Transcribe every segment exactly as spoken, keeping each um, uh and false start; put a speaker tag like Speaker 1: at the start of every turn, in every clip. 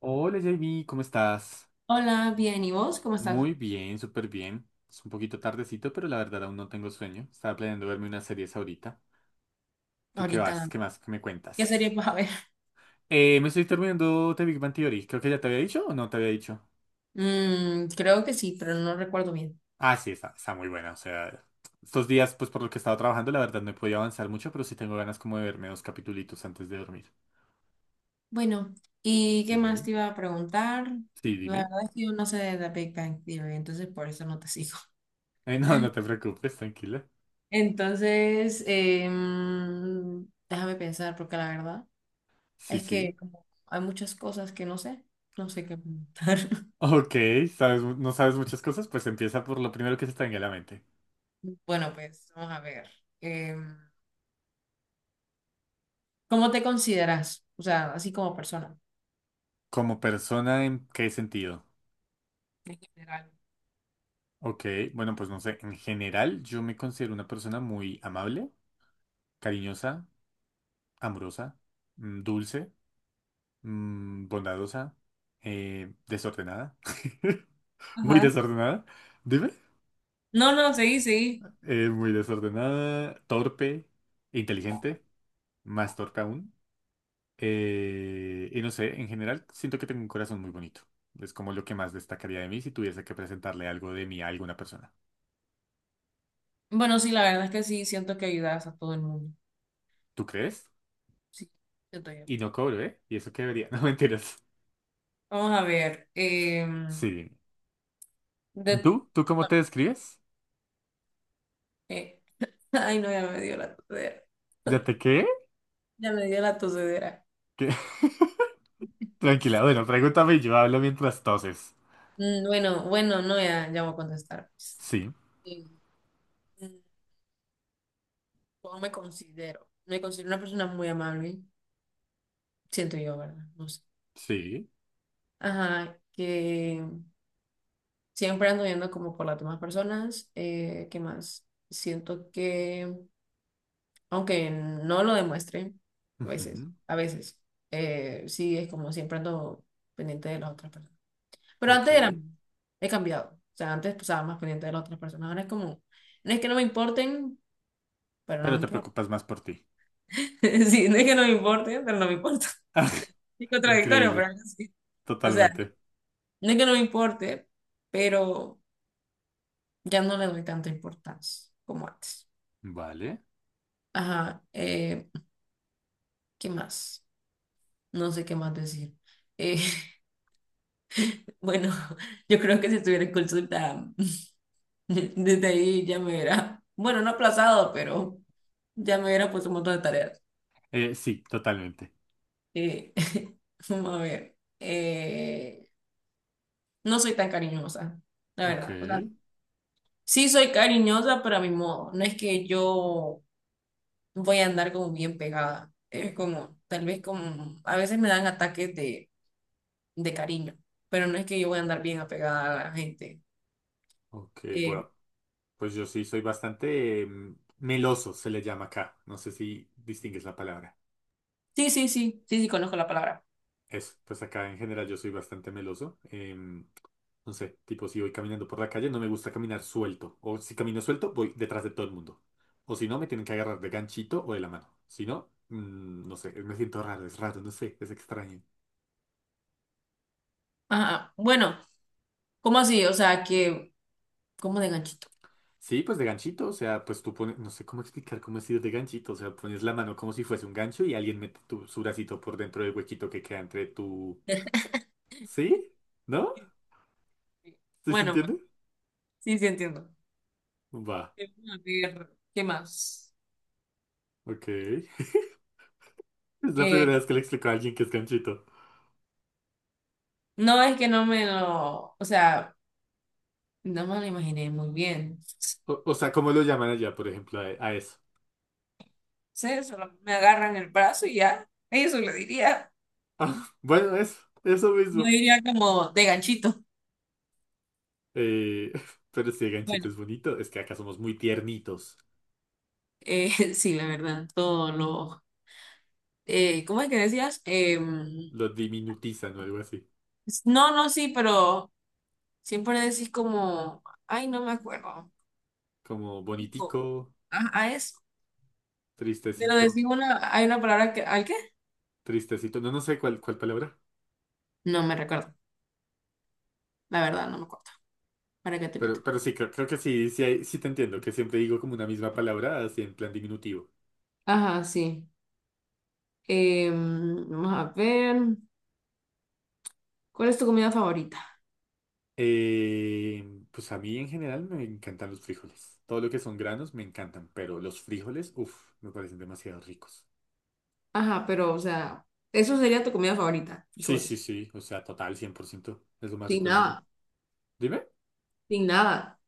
Speaker 1: Hola J B, ¿cómo estás?
Speaker 2: Hola, bien, ¿y vos? ¿Cómo estás?
Speaker 1: Muy bien, súper bien. Es un poquito tardecito, pero la verdad aún no tengo sueño. Estaba planeando verme unas series ahorita. ¿Tú qué vas?
Speaker 2: Ahorita,
Speaker 1: ¿Qué más? ¿Qué me
Speaker 2: ¿qué serie
Speaker 1: cuentas?
Speaker 2: vas a ver?
Speaker 1: Eh, me estoy terminando The Big Bang Theory. Creo que ya te había dicho o no te había dicho.
Speaker 2: Mm, creo que sí, pero no recuerdo bien.
Speaker 1: Ah, sí, está, está muy buena. O sea, estos días, pues por lo que he estado trabajando, la verdad no he podido avanzar mucho, pero sí tengo ganas como de verme dos capitulitos antes de dormir.
Speaker 2: Bueno, ¿y qué más
Speaker 1: ¿Sí?
Speaker 2: te iba a preguntar?
Speaker 1: Sí,
Speaker 2: La
Speaker 1: dime.
Speaker 2: verdad es que yo no sé de The Big Bang Theory, entonces por eso no te sigo.
Speaker 1: Eh, no, no te preocupes, tranquila.
Speaker 2: Entonces, em, déjame pensar, porque la verdad
Speaker 1: Sí,
Speaker 2: es que
Speaker 1: sí.
Speaker 2: como hay muchas cosas que no sé, no sé qué preguntar.
Speaker 1: Ok, ¿sabes, mu- no sabes muchas cosas? Pues empieza por lo primero que se te venga a la mente.
Speaker 2: Bueno, pues vamos a ver. Em, ¿Cómo te consideras? O sea, así como persona,
Speaker 1: Como persona, ¿en qué sentido?
Speaker 2: en general.
Speaker 1: Ok, bueno, pues no sé, en general yo me considero una persona muy amable, cariñosa, amorosa, mm, dulce, mm, bondadosa, eh, desordenada, muy
Speaker 2: Ajá.
Speaker 1: desordenada, dime,
Speaker 2: No, no, seguí, seguí.
Speaker 1: eh, muy desordenada, torpe, inteligente, más torpe aún, eh, y no sé, en general siento que tengo un corazón muy bonito. Es como lo que más destacaría de mí si tuviese que presentarle algo de mí a alguna persona.
Speaker 2: Bueno, sí, la verdad es que sí, siento que ayudas a todo el mundo.
Speaker 1: ¿Tú crees?
Speaker 2: Sí, siento yo.
Speaker 1: Y no cobro, ¿eh? Y eso que debería. No, mentiras.
Speaker 2: Vamos a ver. em,
Speaker 1: Sí.
Speaker 2: de,
Speaker 1: ¿Tú? ¿Tú cómo te describes?
Speaker 2: eh, Ay, no, ya me dio la tosedera.
Speaker 1: ¿Ya te qué?
Speaker 2: Ya me dio la tosedera.
Speaker 1: ¿Qué? Tranquila, bueno, pregúntame y yo hablo mientras toses.
Speaker 2: Mm, bueno, bueno, no, ya, ya voy a contestar pues.
Speaker 1: Sí.
Speaker 2: Sí. Mm, ¿Cómo me considero? Me considero una persona muy amable, siento yo, ¿verdad? No sé.
Speaker 1: Sí.
Speaker 2: Ajá, que siempre ando viendo como por las demás personas. Eh, ¿qué más? Siento que aunque no lo demuestre, a veces,
Speaker 1: Ujú.
Speaker 2: a veces, eh, sí es como siempre ando pendiente de las otras personas. Pero
Speaker 1: Ok.
Speaker 2: antes era, he cambiado. O sea, antes pues, estaba más pendiente de las otras personas, ahora es como, no es que no me importen, pero no
Speaker 1: Pero
Speaker 2: me
Speaker 1: te
Speaker 2: importa.
Speaker 1: preocupas más por ti.
Speaker 2: Sí, no es que no me importe pero no me importa. Es contradictorio, pero
Speaker 1: Increíble.
Speaker 2: sí. O sea,
Speaker 1: Totalmente.
Speaker 2: no es que no me importe, pero ya no le doy tanta importancia como antes.
Speaker 1: Vale.
Speaker 2: Ajá. Eh, ¿qué más? No sé qué más decir. Eh, Bueno, yo creo que si estuviera en consulta, desde ahí ya me hubiera, bueno, no aplazado, pero ya me hubiera puesto un montón de tareas.
Speaker 1: Eh, sí, totalmente.
Speaker 2: Eh, Vamos a ver, eh, no soy tan cariñosa, la
Speaker 1: Ok.
Speaker 2: verdad. O sea, sí soy cariñosa, pero a mi modo. No es que yo voy a andar como bien pegada. Es como, tal vez como, a veces me dan ataques de, de cariño, pero no es que yo voy a andar bien apegada a la gente.
Speaker 1: Ok,
Speaker 2: Eh,
Speaker 1: bueno. Pues yo sí soy bastante eh, meloso, se le llama acá. No sé si distingues la palabra.
Speaker 2: sí, sí, sí, sí, sí, conozco la palabra.
Speaker 1: Eso, pues acá en general yo soy bastante meloso. em, no sé, tipo si voy caminando por la calle, no me gusta caminar suelto. O si camino suelto, voy detrás de todo el mundo. O si no, me tienen que agarrar de ganchito o de la mano. Si no, mm, no sé, me siento raro, es raro, no sé, es extraño.
Speaker 2: Ajá, bueno, ¿cómo así? O sea, que, ¿cómo de ganchito?
Speaker 1: Sí, pues de ganchito, o sea, pues tú pones, no sé cómo explicar cómo es ir de ganchito, o sea, pones la mano como si fuese un gancho y alguien mete tu, su bracito por dentro del huequito que queda entre tu... ¿Sí? ¿No? ¿Sí se
Speaker 2: Bueno, pues,
Speaker 1: entiende?
Speaker 2: sí, sí entiendo.
Speaker 1: Va,
Speaker 2: Eh, A ver, ¿qué más?
Speaker 1: ok. Es la primera
Speaker 2: Eh,
Speaker 1: vez que le explico a alguien que es ganchito.
Speaker 2: no es que no me lo, o sea, no me lo imaginé muy bien.
Speaker 1: O, o sea, ¿cómo lo llaman allá, por ejemplo, a, a eso?
Speaker 2: Sí, solo me agarran el brazo y ya. Eso le diría.
Speaker 1: Ah, bueno, eso, eso
Speaker 2: No
Speaker 1: mismo.
Speaker 2: diría como de ganchito.
Speaker 1: Eh, pero si el ganchito
Speaker 2: Bueno,
Speaker 1: es bonito, es que acá somos muy tiernitos.
Speaker 2: eh, sí, la verdad, todo lo. Eh, ¿cómo es que decías? Em,
Speaker 1: Lo diminutizan o algo así.
Speaker 2: no, no, sí, pero siempre decís como, ay, no me acuerdo.
Speaker 1: Como
Speaker 2: Pico,
Speaker 1: bonitico,
Speaker 2: a, a eso. Pero
Speaker 1: tristecito,
Speaker 2: decir una, hay una palabra que, ¿al qué?
Speaker 1: tristecito. No, no sé cuál, cuál palabra.
Speaker 2: No me recuerdo, la verdad, no me acuerdo. ¿Para qué te meto?
Speaker 1: Pero, pero sí, creo, creo que sí, sí, hay- sí te entiendo, que siempre digo como una misma palabra, así en plan diminutivo.
Speaker 2: Ajá, sí. Em, vamos a ver, ¿cuál es tu comida favorita?
Speaker 1: Eh, pues a mí en general me encantan los frijoles. Todo lo que son granos me encantan, pero los frijoles, uff, me parecen demasiado ricos.
Speaker 2: Ajá, pero, o sea, eso sería tu comida favorita,
Speaker 1: Sí, sí,
Speaker 2: frijoles.
Speaker 1: sí, o sea, total, cien por ciento es lo más
Speaker 2: Sin
Speaker 1: rico del mundo.
Speaker 2: nada,
Speaker 1: Dime,
Speaker 2: sin nada.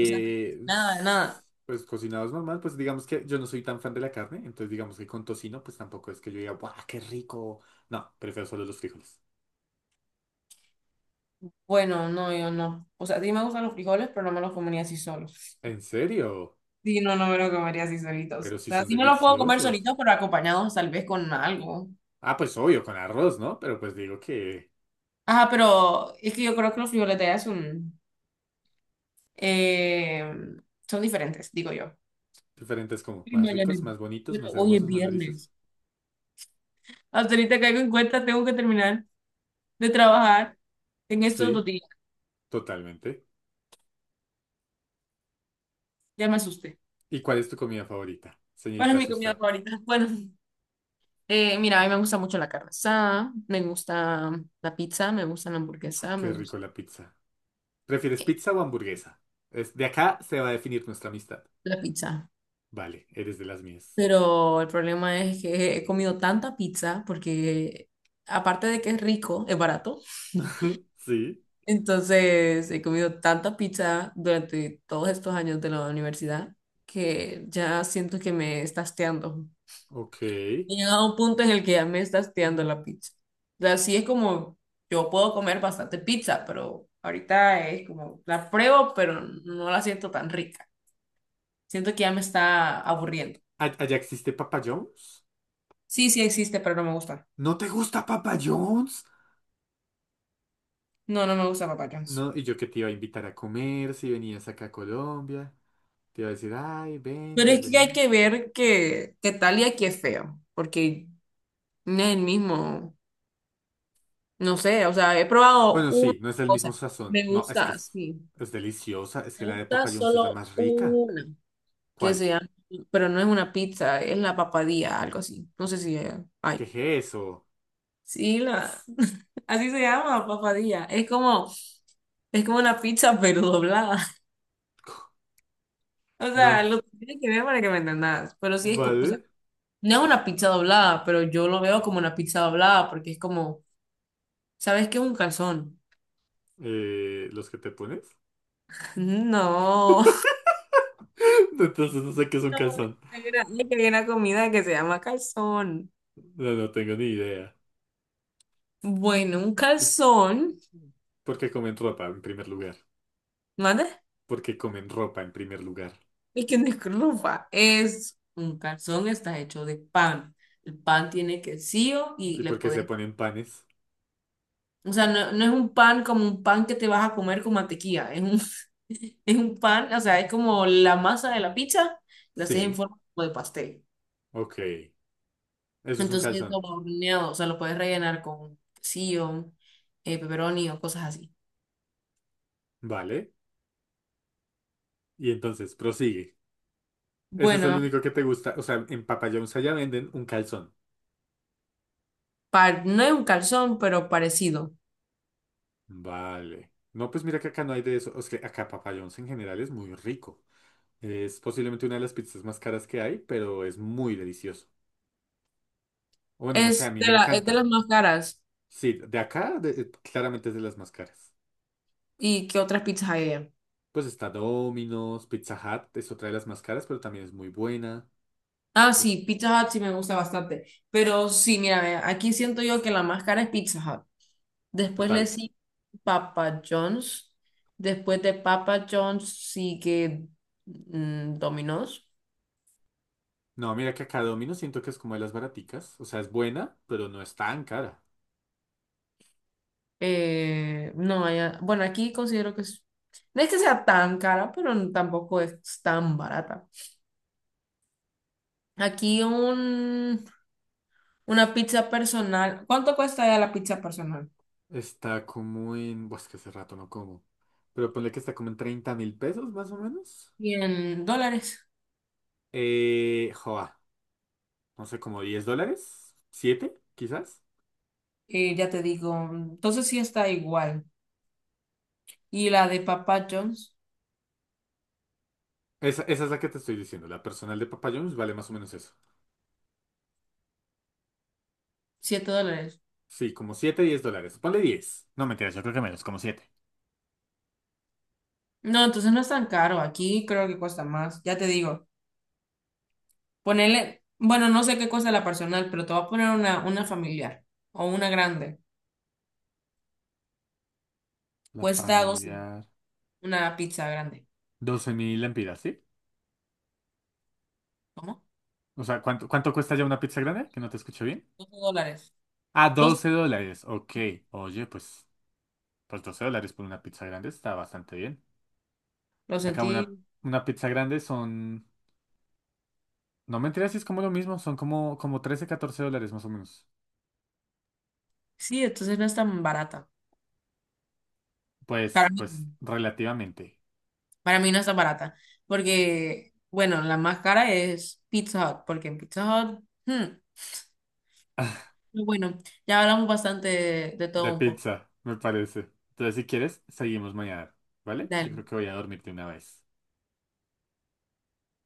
Speaker 2: O sea, nada, de
Speaker 1: s-
Speaker 2: nada.
Speaker 1: pues cocinados normal, pues digamos que yo no soy tan fan de la carne, entonces digamos que con tocino, pues tampoco es que yo diga, ¡guau, qué rico! No, prefiero solo los frijoles.
Speaker 2: Bueno, no, yo no. O sea, sí me gustan los frijoles, pero no me los comería así solos.
Speaker 1: ¿En serio?
Speaker 2: Sí, no, no me los comería así solitos. O
Speaker 1: Pero sí
Speaker 2: sea,
Speaker 1: son
Speaker 2: sí me los puedo comer
Speaker 1: deliciosos.
Speaker 2: solitos, pero acompañados tal vez con algo.
Speaker 1: Ah, pues obvio, con arroz, ¿no? Pero pues digo que
Speaker 2: Ajá, pero es que yo creo que los violetas son, eh, son diferentes, digo yo.
Speaker 1: diferentes como
Speaker 2: Y
Speaker 1: más
Speaker 2: mañana.
Speaker 1: ricos, más bonitos,
Speaker 2: Bueno,
Speaker 1: más
Speaker 2: hoy es
Speaker 1: hermosos, más deliciosos.
Speaker 2: viernes. Hasta ahorita caigo en cuenta, tengo que terminar de trabajar en estos dos
Speaker 1: Sí,
Speaker 2: días.
Speaker 1: totalmente.
Speaker 2: Ya me asusté.
Speaker 1: ¿Y cuál es tu comida favorita,
Speaker 2: ¿Cuál
Speaker 1: señorita
Speaker 2: es mi comida
Speaker 1: Asusta?
Speaker 2: favorita? Bueno, eh, mira, a mí me gusta mucho la carne asada, me gusta la pizza, me gusta la hamburguesa, me
Speaker 1: Qué rico
Speaker 2: gusta
Speaker 1: la pizza. ¿Prefieres pizza o hamburguesa? Es- de acá se va a definir nuestra amistad.
Speaker 2: la pizza.
Speaker 1: Vale, eres de las mías.
Speaker 2: Pero el problema es que he comido tanta pizza porque aparte de que es rico, es barato.
Speaker 1: Sí,
Speaker 2: Entonces, he comido tanta pizza durante todos estos años de la universidad que ya siento que me está hasteando.
Speaker 1: ok.
Speaker 2: He llegado a un punto en el que ya me está hasteando la pizza. O sea, sí es como, yo puedo comer bastante pizza, pero ahorita es como, la pruebo, pero no la siento tan rica. Siento que ya me está aburriendo.
Speaker 1: ¿A- ¿Allá existe Papa John's?
Speaker 2: Sí, sí existe, pero no me gusta.
Speaker 1: ¿No te gusta Papa John's?
Speaker 2: No, no me gusta Papa John's.
Speaker 1: No, y yo que te iba a invitar a comer si venías acá a Colombia. Te iba a decir, ay, ven,
Speaker 2: Pero es que hay
Speaker 1: bienvenido.
Speaker 2: que ver que, que Talia aquí es feo, porque no es el mismo. No sé, o sea, he probado
Speaker 1: Bueno,
Speaker 2: una
Speaker 1: sí, no es el mismo
Speaker 2: cosa.
Speaker 1: sazón.
Speaker 2: Me
Speaker 1: No, es que
Speaker 2: gusta,
Speaker 1: es,
Speaker 2: sí.
Speaker 1: es deliciosa. Es
Speaker 2: Me
Speaker 1: que la de
Speaker 2: gusta
Speaker 1: Papa John's es la
Speaker 2: solo
Speaker 1: más rica.
Speaker 2: una, que
Speaker 1: ¿Cuál?
Speaker 2: se llama, pero no es una pizza, es la papadilla, algo así. No sé si eh, hay.
Speaker 1: ¿Qué es eso?
Speaker 2: Sí, la, así se llama, papadilla. Es como, es como una pizza, pero doblada. O
Speaker 1: No,
Speaker 2: sea,
Speaker 1: no.
Speaker 2: lo tienes que ver para que me entendas. Pero sí es como, o
Speaker 1: ¿Vale?
Speaker 2: sea, no es una pizza doblada, pero yo lo veo como una pizza doblada, porque es como, ¿sabes qué es un calzón?
Speaker 1: Eh, ¿los que te pones?
Speaker 2: No.
Speaker 1: Entonces no sé qué es un
Speaker 2: No,
Speaker 1: calzón.
Speaker 2: hay una hay una comida que se llama calzón.
Speaker 1: No, no tengo ni idea.
Speaker 2: Bueno, un calzón,
Speaker 1: ¿Por qué comen ropa en primer lugar?
Speaker 2: ¿mande?
Speaker 1: ¿Por qué comen ropa en primer lugar?
Speaker 2: Y que no es. Es un calzón, está hecho de pan. El pan tiene quesillo y
Speaker 1: ¿Y
Speaker 2: le
Speaker 1: por qué se
Speaker 2: puedes,
Speaker 1: ponen panes?
Speaker 2: o sea, no, no es un pan como un pan que te vas a comer con mantequilla, es un, es un pan, o sea, es como la masa de la pizza, la haces en
Speaker 1: Sí,
Speaker 2: forma como de pastel.
Speaker 1: ok. Eso es un
Speaker 2: Entonces
Speaker 1: calzón.
Speaker 2: lo va horneado, o sea, lo puedes rellenar con quesillo, eh, pepperoni o cosas así.
Speaker 1: Vale. Y entonces, prosigue. Ese es el
Speaker 2: Bueno,
Speaker 1: único que te gusta. O sea, en Papa John's allá venden un calzón.
Speaker 2: par- no es un calzón, pero parecido.
Speaker 1: Vale. No, pues mira que acá no hay de eso. O sea, acá Papa John's en general es muy rico. Es posiblemente una de las pizzas más caras que hay, pero es muy delicioso. Bueno, no sé, a
Speaker 2: Es
Speaker 1: mí
Speaker 2: de
Speaker 1: me
Speaker 2: la, es de las
Speaker 1: encanta.
Speaker 2: más caras.
Speaker 1: Sí, de acá de- eh, claramente es de las más caras.
Speaker 2: ¿Y qué otras pizzas hay allá?
Speaker 1: Pues está Domino's, Pizza Hut es otra de las más caras, pero también es muy buena.
Speaker 2: Ah,
Speaker 1: Eh,
Speaker 2: sí, Pizza Hut sí me gusta bastante. Pero sí, mira, ve, aquí siento yo que la más cara es Pizza Hut. Después le
Speaker 1: Total.
Speaker 2: sigue Papa John's. Después de Papa John's sigue mm, Domino's.
Speaker 1: No, mira que acá Domino's siento que es como de las baraticas. O sea, es buena, pero no es tan cara.
Speaker 2: Eh, no, allá- bueno, aquí considero que es- no es que sea tan cara, pero tampoco es tan barata. Aquí un Una pizza personal. ¿Cuánto cuesta ya la pizza personal?
Speaker 1: Está como en... Pues que hace rato no como. Pero ponle que está como en treinta mil pesos más o menos.
Speaker 2: Cien dólares.
Speaker 1: Eh, joa, no sé, como diez dólares. Siete, quizás.
Speaker 2: Eh, ya te digo. Entonces sí está igual. Y la de Papa John's,
Speaker 1: Esa, esa es la que te estoy diciendo. La personal de Papa John's vale más o menos eso.
Speaker 2: siete dólares.
Speaker 1: Sí, como siete diez dólares. Ponle diez. No, mentiras, yo creo que menos, como siete.
Speaker 2: No, entonces no es tan caro. Aquí creo que cuesta más. Ya te digo. Ponele. Bueno, no sé qué cuesta la personal, pero te voy a poner una, una familiar o una grande.
Speaker 1: La
Speaker 2: Cuesta doce
Speaker 1: familiar.
Speaker 2: Una pizza grande.
Speaker 1: Doce mil lempiras, ¿sí?
Speaker 2: ¿Cómo?
Speaker 1: O sea, ¿cuánto, ¿cuánto cuesta ya una pizza grande? Que no te escucho bien.
Speaker 2: doce dólares.
Speaker 1: Ah,
Speaker 2: doce.
Speaker 1: doce dólares. Ok. Oye, pues, pues doce dólares por una pizza grande está bastante bien.
Speaker 2: Lo
Speaker 1: Acá una,
Speaker 2: sentí.
Speaker 1: una pizza grande son... No mentiras, sí es como lo mismo. Son como, como trece catorce dólares más o menos.
Speaker 2: Sí, entonces no es tan barata. Para
Speaker 1: Pues,
Speaker 2: mí,
Speaker 1: pues,
Speaker 2: no.
Speaker 1: relativamente.
Speaker 2: Para mí no está barata, porque, bueno, la más cara es Pizza Hut, porque en Pizza Hut, hmm, pero bueno, ya hablamos bastante de, de todo
Speaker 1: De
Speaker 2: un poco.
Speaker 1: pizza, me parece. Entonces, si quieres, seguimos mañana. ¿Vale? Yo
Speaker 2: Dale,
Speaker 1: creo que voy a dormirte una vez.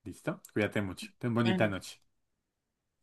Speaker 1: ¿Listo? Cuídate mucho. Ten
Speaker 2: buenas
Speaker 1: bonita
Speaker 2: noches.
Speaker 1: noche.